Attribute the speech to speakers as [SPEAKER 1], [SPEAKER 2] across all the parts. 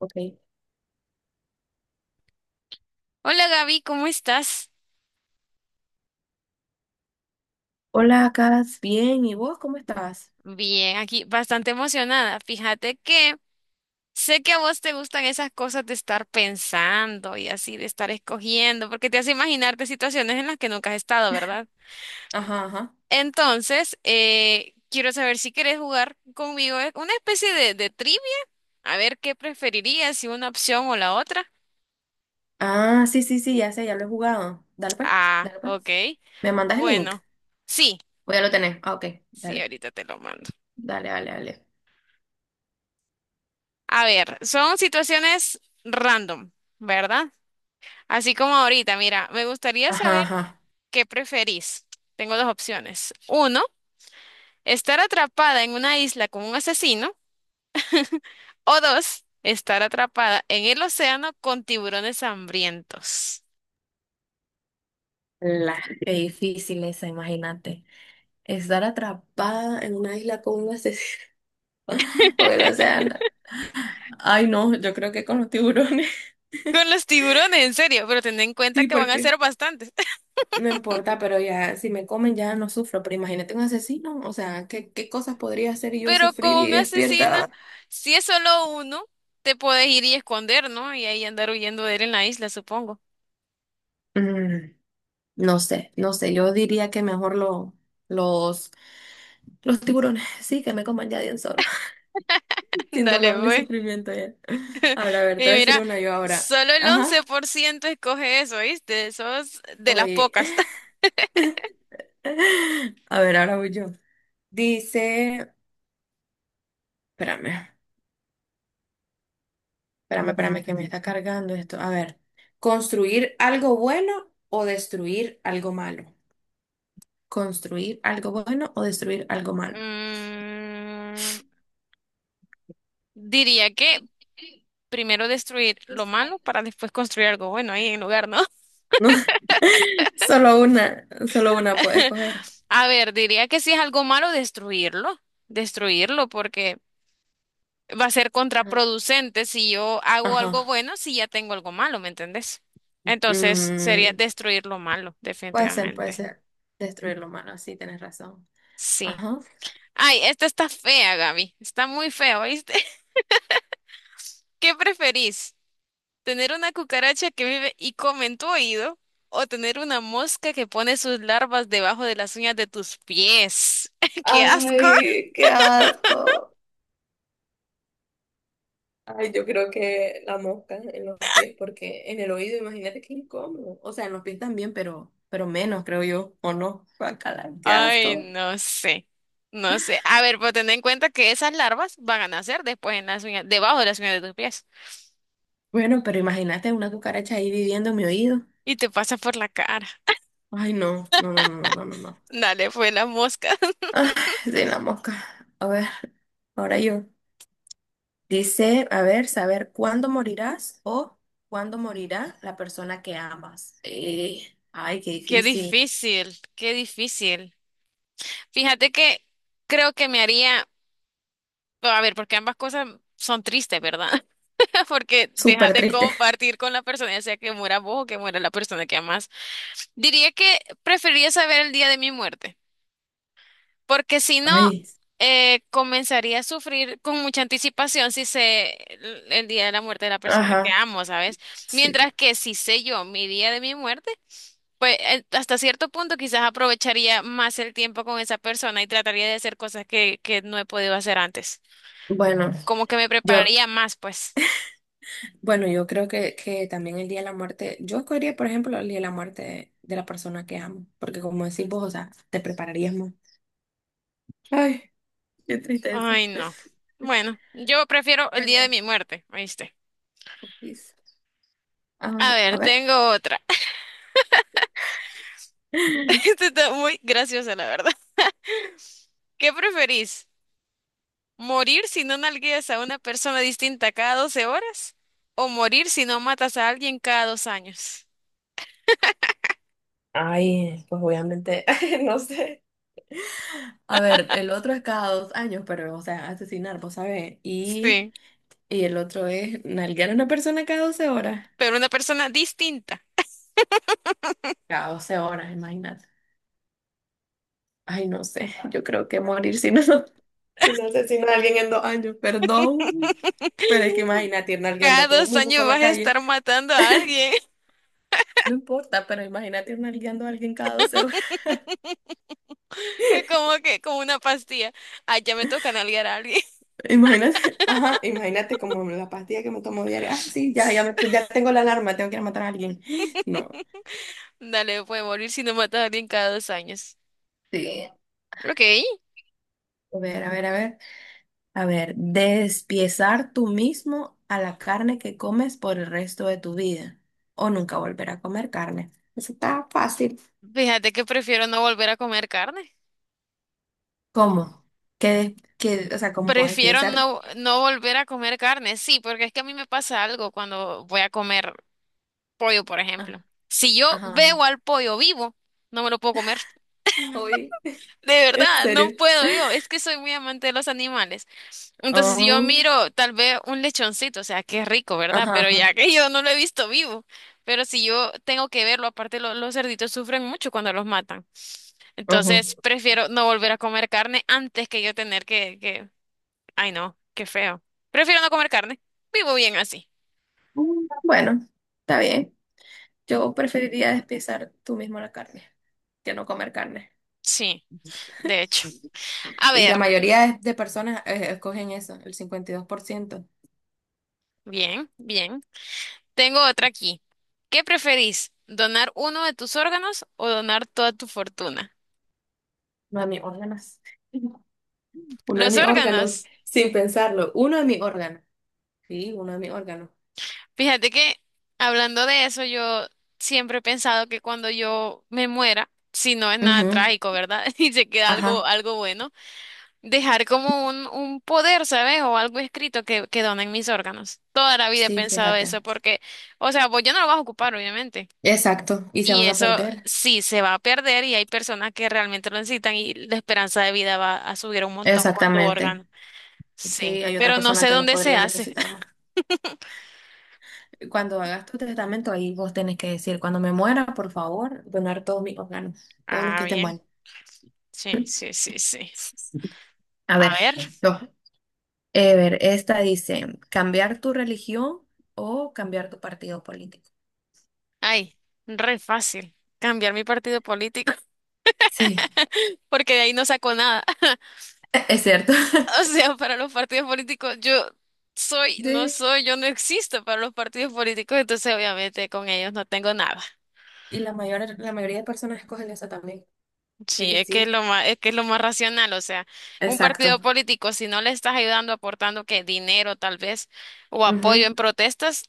[SPEAKER 1] Ok.
[SPEAKER 2] Hola Gaby, ¿cómo estás?
[SPEAKER 1] Hola, Cas, bien. ¿Y vos cómo estás?
[SPEAKER 2] Bien, aquí bastante emocionada. Fíjate que sé que a vos te gustan esas cosas de estar pensando y así, de estar escogiendo, porque te hace imaginarte situaciones en las que nunca has estado, ¿verdad?
[SPEAKER 1] Ajá, ajá.
[SPEAKER 2] Entonces, quiero saber si quieres jugar conmigo una especie de trivia, a ver qué preferirías, si una opción o la otra.
[SPEAKER 1] Ah, sí, sí, sí, ya sé, ya lo he jugado. Dale pues,
[SPEAKER 2] Ah,
[SPEAKER 1] dale
[SPEAKER 2] ok.
[SPEAKER 1] pues. ¿Me mandas el link?
[SPEAKER 2] Bueno, sí,
[SPEAKER 1] Voy a lo tener. Ah, ok.
[SPEAKER 2] sí,
[SPEAKER 1] Dale,
[SPEAKER 2] ahorita te lo mando.
[SPEAKER 1] dale, dale, dale.
[SPEAKER 2] A ver, son situaciones random, ¿verdad? Así como ahorita, mira, me gustaría
[SPEAKER 1] Ajá,
[SPEAKER 2] saber
[SPEAKER 1] ajá.
[SPEAKER 2] qué preferís. Tengo dos opciones. Uno, estar atrapada en una isla con un asesino. O dos, estar atrapada en el océano con tiburones hambrientos.
[SPEAKER 1] La, Qué difícil esa, imagínate. Estar atrapada en una isla con un asesino o el océano. Ay, no, yo creo que con los tiburones.
[SPEAKER 2] Con los tiburones, en serio, pero ten en cuenta
[SPEAKER 1] Sí,
[SPEAKER 2] que van a
[SPEAKER 1] porque.
[SPEAKER 2] ser bastantes.
[SPEAKER 1] No importa, pero ya, si me comen ya no sufro, pero imagínate un asesino, o sea, ¿qué, qué cosas podría hacer y yo
[SPEAKER 2] Pero
[SPEAKER 1] sufrir
[SPEAKER 2] con
[SPEAKER 1] y
[SPEAKER 2] un asesino,
[SPEAKER 1] despierta? Ah,
[SPEAKER 2] si es solo uno, te puedes ir y esconder, ¿no? Y ahí andar huyendo de él en la isla, supongo.
[SPEAKER 1] mm, no sé, no sé, yo diría que mejor los, los tiburones, sí, que me coman ya de un solo, sin
[SPEAKER 2] Dale,
[SPEAKER 1] dolor ni
[SPEAKER 2] pues.
[SPEAKER 1] sufrimiento ya. Ahora, a ver, te voy
[SPEAKER 2] Y
[SPEAKER 1] a decir
[SPEAKER 2] mira,
[SPEAKER 1] una yo ahora.
[SPEAKER 2] solo el once
[SPEAKER 1] Ajá,
[SPEAKER 2] por ciento escoge eso, ¿viste? Sos de las
[SPEAKER 1] oye,
[SPEAKER 2] pocas.
[SPEAKER 1] a ver, ahora voy yo. Dice, espérame, espérame, espérame, que me está cargando esto. A ver, ¿construir algo bueno o destruir algo malo? Construir algo bueno o destruir algo malo.
[SPEAKER 2] Mm, diría que primero destruir lo malo para después construir algo bueno ahí en lugar, ¿no?
[SPEAKER 1] No, solo una, solo una puede escoger.
[SPEAKER 2] A ver, diría que si es algo malo, destruirlo. Destruirlo porque va a ser
[SPEAKER 1] Ajá.
[SPEAKER 2] contraproducente si yo hago algo
[SPEAKER 1] Ajá.
[SPEAKER 2] bueno si ya tengo algo malo, ¿me entendés? Entonces sería
[SPEAKER 1] Mm,
[SPEAKER 2] destruir lo malo,
[SPEAKER 1] Puede ser, puede
[SPEAKER 2] definitivamente.
[SPEAKER 1] ser. Destruir lo malo, sí, tienes razón.
[SPEAKER 2] Sí.
[SPEAKER 1] Ajá.
[SPEAKER 2] Ay, esta está fea, Gaby. Está muy fea, ¿oíste? ¿Qué preferís? ¿Tener una cucaracha que vive y come en tu oído o tener una mosca que pone sus larvas debajo de las uñas de tus pies? ¡Qué asco!
[SPEAKER 1] Ay, qué asco. Ay, yo creo que la mosca en los pies, porque en el oído, imagínate qué incómodo. O sea, en los pies también, pero menos, creo yo, ¿o no? Guácala, qué
[SPEAKER 2] Ay,
[SPEAKER 1] asco.
[SPEAKER 2] no sé. No sé. A ver, pero ten en cuenta que esas larvas van a nacer después en las uñas, debajo de las uñas de tus pies
[SPEAKER 1] Bueno, pero imagínate una cucaracha ahí viviendo en mi oído.
[SPEAKER 2] y te pasa por la cara.
[SPEAKER 1] Ay, no, no, no, no, no, no, no, no.
[SPEAKER 2] Dale, fue la mosca.
[SPEAKER 1] Ay, de la mosca. A ver, ahora yo. Dice, a ver, saber cuándo morirás o cuándo morirá la persona que amas. Ay, qué
[SPEAKER 2] Qué
[SPEAKER 1] difícil.
[SPEAKER 2] difícil, qué difícil. Fíjate que creo que me haría, a ver, porque ambas cosas son tristes, ¿verdad? Porque dejas
[SPEAKER 1] Súper
[SPEAKER 2] de
[SPEAKER 1] triste.
[SPEAKER 2] compartir con la persona, ya sea que muera vos o que muera la persona que amas. Diría que preferiría saber el día de mi muerte, porque si no,
[SPEAKER 1] Ay,
[SPEAKER 2] comenzaría a sufrir con mucha anticipación si sé el día de la muerte de la persona que
[SPEAKER 1] ajá,
[SPEAKER 2] amo, ¿sabes?
[SPEAKER 1] sí.
[SPEAKER 2] Mientras que si sé yo mi día de mi muerte, pues hasta cierto punto quizás aprovecharía más el tiempo con esa persona y trataría de hacer cosas que no he podido hacer antes.
[SPEAKER 1] Bueno,
[SPEAKER 2] Como que me
[SPEAKER 1] yo,
[SPEAKER 2] prepararía más, pues.
[SPEAKER 1] bueno, yo creo que también el día de la muerte, yo escogería, por ejemplo, el día de la muerte de la persona que amo, porque como decís vos, o sea, te prepararías más. Ay, qué triste eso.
[SPEAKER 2] Ay, no. Bueno, yo prefiero
[SPEAKER 1] A
[SPEAKER 2] el día de
[SPEAKER 1] ver,
[SPEAKER 2] mi muerte, ¿oíste?
[SPEAKER 1] please. Ah,
[SPEAKER 2] A
[SPEAKER 1] a
[SPEAKER 2] ver,
[SPEAKER 1] ver.
[SPEAKER 2] tengo otra. Esta está muy graciosa, la verdad. ¿Qué preferís? ¿Morir si no nalgueas a una persona distinta cada 12 horas? ¿O morir si no matas a alguien cada 2 años?
[SPEAKER 1] Ay, pues obviamente, no sé. A ver, el otro es cada 2 años, pero, o sea, asesinar, vos sabés. Y,
[SPEAKER 2] Sí,
[SPEAKER 1] y el otro es nalguear a una persona cada 12 horas.
[SPEAKER 2] pero una persona distinta.
[SPEAKER 1] Cada 12 horas, imagínate. Ay, no sé, yo creo que morir si no, si no asesino a alguien en 2 años, perdón. Pero es que imagínate ir nalgueando
[SPEAKER 2] Cada
[SPEAKER 1] a todo el
[SPEAKER 2] dos
[SPEAKER 1] mundo por
[SPEAKER 2] años
[SPEAKER 1] la
[SPEAKER 2] vas a
[SPEAKER 1] calle.
[SPEAKER 2] estar matando a alguien.
[SPEAKER 1] No importa, pero imagínate ir nalgueando a alguien cada 12 horas.
[SPEAKER 2] Es como que, como una pastilla. Ay, ya me toca nalguear a alguien.
[SPEAKER 1] Imagínate, ajá, imagínate como la pastilla que me tomo diaria. Ah, sí, ya, ya tengo la alarma, tengo que ir a matar a alguien. No.
[SPEAKER 2] Dale, puede morir si no matas a alguien cada dos años.
[SPEAKER 1] Sí.
[SPEAKER 2] Ok.
[SPEAKER 1] A ver, a ver, a ver. A ver, despiezar tú mismo a la carne que comes por el resto de tu vida o nunca volver a comer carne. Eso está fácil.
[SPEAKER 2] Fíjate que prefiero no volver a comer carne.
[SPEAKER 1] ¿Cómo? ¿Qué, o sea, cómo
[SPEAKER 2] Prefiero
[SPEAKER 1] despiezar?
[SPEAKER 2] no volver a comer carne, sí, porque es que a mí me pasa algo cuando voy a comer pollo, por ejemplo.
[SPEAKER 1] Ah,
[SPEAKER 2] Si yo
[SPEAKER 1] ajá,
[SPEAKER 2] veo
[SPEAKER 1] ajá.
[SPEAKER 2] al pollo vivo, no me lo puedo comer.
[SPEAKER 1] Uy.
[SPEAKER 2] De
[SPEAKER 1] En
[SPEAKER 2] verdad, no
[SPEAKER 1] serio.
[SPEAKER 2] puedo yo. Es que soy muy amante de los animales. Entonces, si yo
[SPEAKER 1] Ah,
[SPEAKER 2] miro tal vez un lechoncito, o sea, qué rico, ¿verdad?
[SPEAKER 1] ajá,
[SPEAKER 2] Pero
[SPEAKER 1] ajá.
[SPEAKER 2] ya que yo no lo he visto vivo. Pero si yo tengo que verlo, aparte los cerditos sufren mucho cuando los matan.
[SPEAKER 1] Ujú.
[SPEAKER 2] Entonces, prefiero no volver a comer carne antes que yo tener que Ay, no, qué feo. Prefiero no comer carne. Vivo bien así.
[SPEAKER 1] Bueno, está bien. Yo preferiría despiezar tú mismo la carne que no comer carne.
[SPEAKER 2] Sí, de hecho. A
[SPEAKER 1] Y la
[SPEAKER 2] ver,
[SPEAKER 1] mayoría de personas escogen eso, el 52%.
[SPEAKER 2] bien, bien. Tengo otra aquí. ¿Qué preferís? ¿Donar uno de tus órganos o donar toda tu fortuna?
[SPEAKER 1] Uno de mis órganos. Uno de
[SPEAKER 2] Los
[SPEAKER 1] mis órganos,
[SPEAKER 2] órganos.
[SPEAKER 1] sin pensarlo. Uno de mis órganos. Sí, uno de mis órganos.
[SPEAKER 2] Fíjate que hablando de eso, yo siempre he pensado que cuando yo me muera, si no es nada
[SPEAKER 1] Ujú.
[SPEAKER 2] trágico, ¿verdad? Y se queda algo,
[SPEAKER 1] Ajá.
[SPEAKER 2] algo bueno. Dejar como un poder, ¿sabes? O algo escrito que donen mis órganos. Toda la vida he
[SPEAKER 1] Sí,
[SPEAKER 2] pensado
[SPEAKER 1] fíjate.
[SPEAKER 2] eso porque, o sea, pues yo no lo vas a ocupar, obviamente.
[SPEAKER 1] Exacto. Y se
[SPEAKER 2] Y
[SPEAKER 1] van a
[SPEAKER 2] eso
[SPEAKER 1] perder.
[SPEAKER 2] sí se va a perder y hay personas que realmente lo necesitan y la esperanza de vida va a subir un montón con tu
[SPEAKER 1] Exactamente.
[SPEAKER 2] órgano.
[SPEAKER 1] Sí,
[SPEAKER 2] Sí,
[SPEAKER 1] hay otra
[SPEAKER 2] pero no
[SPEAKER 1] persona
[SPEAKER 2] sé
[SPEAKER 1] que lo
[SPEAKER 2] dónde se
[SPEAKER 1] podría
[SPEAKER 2] hace.
[SPEAKER 1] necesitar más. Cuando hagas tu testamento, ahí vos tenés que decir, cuando me muera, por favor, donar todos mis órganos, todos los
[SPEAKER 2] Ah,
[SPEAKER 1] que estén
[SPEAKER 2] bien.
[SPEAKER 1] buenos.
[SPEAKER 2] Sí, sí, sí, sí.
[SPEAKER 1] A
[SPEAKER 2] A
[SPEAKER 1] ver,
[SPEAKER 2] ver.
[SPEAKER 1] yo. A ver, esta dice, cambiar tu religión o cambiar tu partido político.
[SPEAKER 2] Ay, re fácil. Cambiar mi partido político,
[SPEAKER 1] Sí,
[SPEAKER 2] porque de ahí no saco nada.
[SPEAKER 1] es cierto.
[SPEAKER 2] O sea, para los partidos políticos, yo soy, no
[SPEAKER 1] Sí,
[SPEAKER 2] soy, yo no existo para los partidos políticos, entonces obviamente con ellos no tengo nada.
[SPEAKER 1] y la mayoría de personas escogen esa también. De
[SPEAKER 2] Sí,
[SPEAKER 1] que sí.
[SPEAKER 2] es que es lo más racional, o sea, un partido
[SPEAKER 1] Exacto.
[SPEAKER 2] político, si no le estás ayudando, aportando que dinero tal vez, o apoyo
[SPEAKER 1] Ujú.
[SPEAKER 2] en protestas,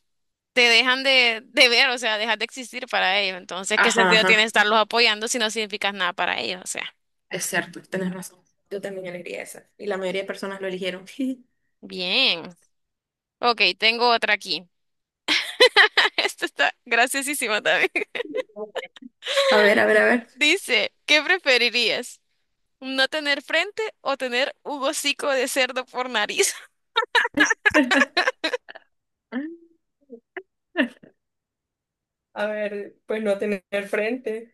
[SPEAKER 2] te dejan de ver, o sea, dejas de existir para ellos. Entonces, ¿qué
[SPEAKER 1] Ajá,
[SPEAKER 2] sentido tiene
[SPEAKER 1] ajá.
[SPEAKER 2] estarlos apoyando si no significas nada para ellos? O sea,
[SPEAKER 1] Es cierto, tenés razón. Yo también elegiría esa. Y la mayoría de personas lo eligieron.
[SPEAKER 2] bien. Ok, tengo otra aquí. Esta está graciosísima también.
[SPEAKER 1] A ver, a ver, a ver.
[SPEAKER 2] Dice, ¿qué preferirías? No tener frente o tener un hocico de cerdo por nariz.
[SPEAKER 1] A ver, pues no tener frente.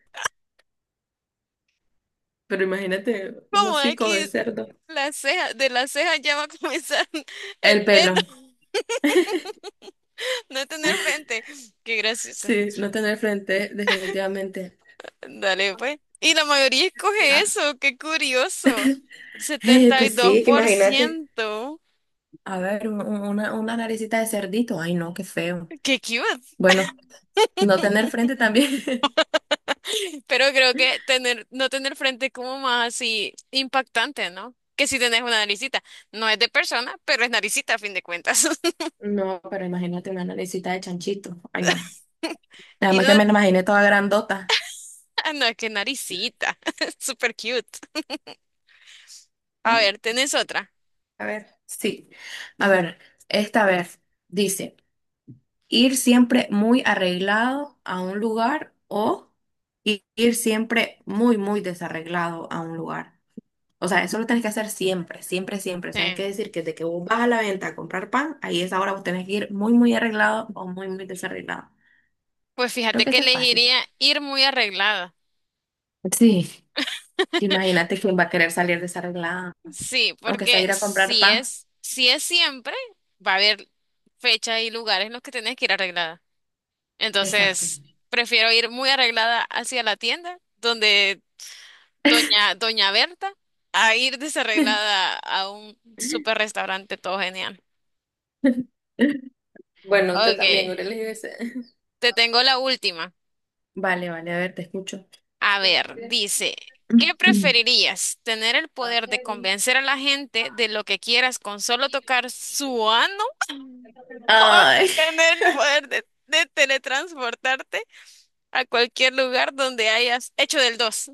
[SPEAKER 1] Pero imagínate un
[SPEAKER 2] Como
[SPEAKER 1] hocico de
[SPEAKER 2] aquí
[SPEAKER 1] cerdo.
[SPEAKER 2] las cejas, de las cejas ya va a comenzar
[SPEAKER 1] El
[SPEAKER 2] el pelo.
[SPEAKER 1] pelo.
[SPEAKER 2] No tener frente. Qué graciosa.
[SPEAKER 1] Sí, no tener frente, definitivamente.
[SPEAKER 2] Dale, pues. Y la mayoría escoge
[SPEAKER 1] Ah,
[SPEAKER 2] eso. Qué curioso. setenta y
[SPEAKER 1] pues
[SPEAKER 2] dos
[SPEAKER 1] sí, que
[SPEAKER 2] por
[SPEAKER 1] imagínate.
[SPEAKER 2] ciento
[SPEAKER 1] A ver, una naricita de cerdito. Ay, no, qué feo.
[SPEAKER 2] Qué cute.
[SPEAKER 1] Bueno, no tener frente también.
[SPEAKER 2] Pero creo que tener, no tener frente es como más así impactante, ¿no? Que si tenés una naricita. No es de persona, pero es naricita a fin de cuentas.
[SPEAKER 1] No, pero imagínate una naricita de chanchito. Ay, no.
[SPEAKER 2] Y
[SPEAKER 1] Además
[SPEAKER 2] no-
[SPEAKER 1] que me la imaginé toda grandota.
[SPEAKER 2] Ah, no, qué naricita. Super cute. A ver,
[SPEAKER 1] Mm,
[SPEAKER 2] ¿tenés otra?
[SPEAKER 1] A ver, sí. A ver, esta vez dice: ir siempre muy arreglado a un lugar o ir siempre muy, muy desarreglado a un lugar. O sea, eso lo tenés que hacer siempre, siempre, siempre. O sea, hay que
[SPEAKER 2] Sí.
[SPEAKER 1] decir que desde que vos vas a la venta a comprar pan, ahí es ahora vos tenés que ir muy, muy arreglado o muy, muy desarreglado.
[SPEAKER 2] Pues
[SPEAKER 1] Creo
[SPEAKER 2] fíjate
[SPEAKER 1] que
[SPEAKER 2] que
[SPEAKER 1] eso es fácil.
[SPEAKER 2] elegiría ir muy arreglada.
[SPEAKER 1] Sí, imagínate quién va a querer salir desarreglada,
[SPEAKER 2] Sí,
[SPEAKER 1] aunque sea
[SPEAKER 2] porque
[SPEAKER 1] ir a comprar pan.
[SPEAKER 2] si es siempre, va a haber fechas y lugares en los que tenés que ir arreglada.
[SPEAKER 1] Exacto.
[SPEAKER 2] Entonces, prefiero ir muy arreglada hacia la tienda, donde doña Berta, a ir desarreglada a un super restaurante todo genial.
[SPEAKER 1] Bueno, yo
[SPEAKER 2] Ok,
[SPEAKER 1] también hubiera elegido ese.
[SPEAKER 2] te tengo la última.
[SPEAKER 1] Vale, vale, a ver, te escucho.
[SPEAKER 2] A ver, dice, ¿qué preferirías? ¿Tener el poder de convencer a la gente de lo que quieras con solo tocar su ano?
[SPEAKER 1] Ay,
[SPEAKER 2] ¿Tener el poder de teletransportarte a cualquier lugar donde hayas hecho del dos?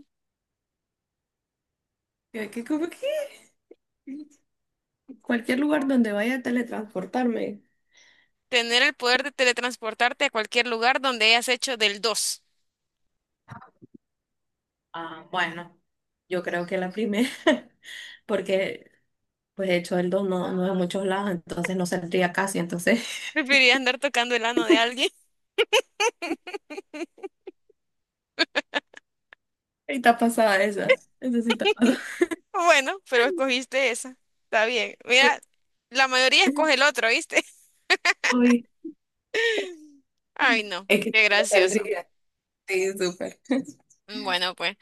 [SPEAKER 1] que como que cualquier lugar donde vaya a teletransportarme.
[SPEAKER 2] ¿Tener el poder de teletransportarte a cualquier lugar donde hayas hecho del dos?
[SPEAKER 1] Ah, bueno, yo creo que la primera, porque pues de hecho el don no es en muchos lados, entonces no saldría casi, entonces
[SPEAKER 2] ¿Preferirías andar tocando el ano de alguien?
[SPEAKER 1] ahí está pasada esa, sí está pasada.
[SPEAKER 2] Bueno, pero escogiste esa. Está bien.
[SPEAKER 1] Pues.
[SPEAKER 2] Mira, la mayoría escoge el otro, ¿viste?
[SPEAKER 1] Uy,
[SPEAKER 2] Ay, no,
[SPEAKER 1] es que sí,
[SPEAKER 2] qué
[SPEAKER 1] no
[SPEAKER 2] gracioso.
[SPEAKER 1] saldría. Sí, súper.
[SPEAKER 2] Bueno, pues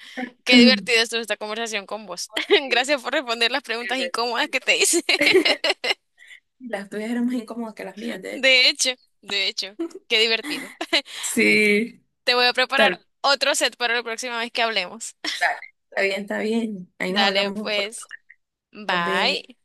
[SPEAKER 2] qué divertida estuvo esta conversación con vos.
[SPEAKER 1] Sí,
[SPEAKER 2] Gracias por responder las
[SPEAKER 1] sí,
[SPEAKER 2] preguntas
[SPEAKER 1] bueno.
[SPEAKER 2] incómodas que te hice.
[SPEAKER 1] Las tuyas eran más incómodas que las mías, de hecho.
[SPEAKER 2] De hecho, de hecho, qué divertido.
[SPEAKER 1] Sí,
[SPEAKER 2] Te voy a preparar
[SPEAKER 1] tal,
[SPEAKER 2] otro set para la próxima vez que hablemos.
[SPEAKER 1] dale. Está bien, está bien. Ahí nos
[SPEAKER 2] Dale,
[SPEAKER 1] hablamos pronto.
[SPEAKER 2] pues,
[SPEAKER 1] Nos vemos.
[SPEAKER 2] bye.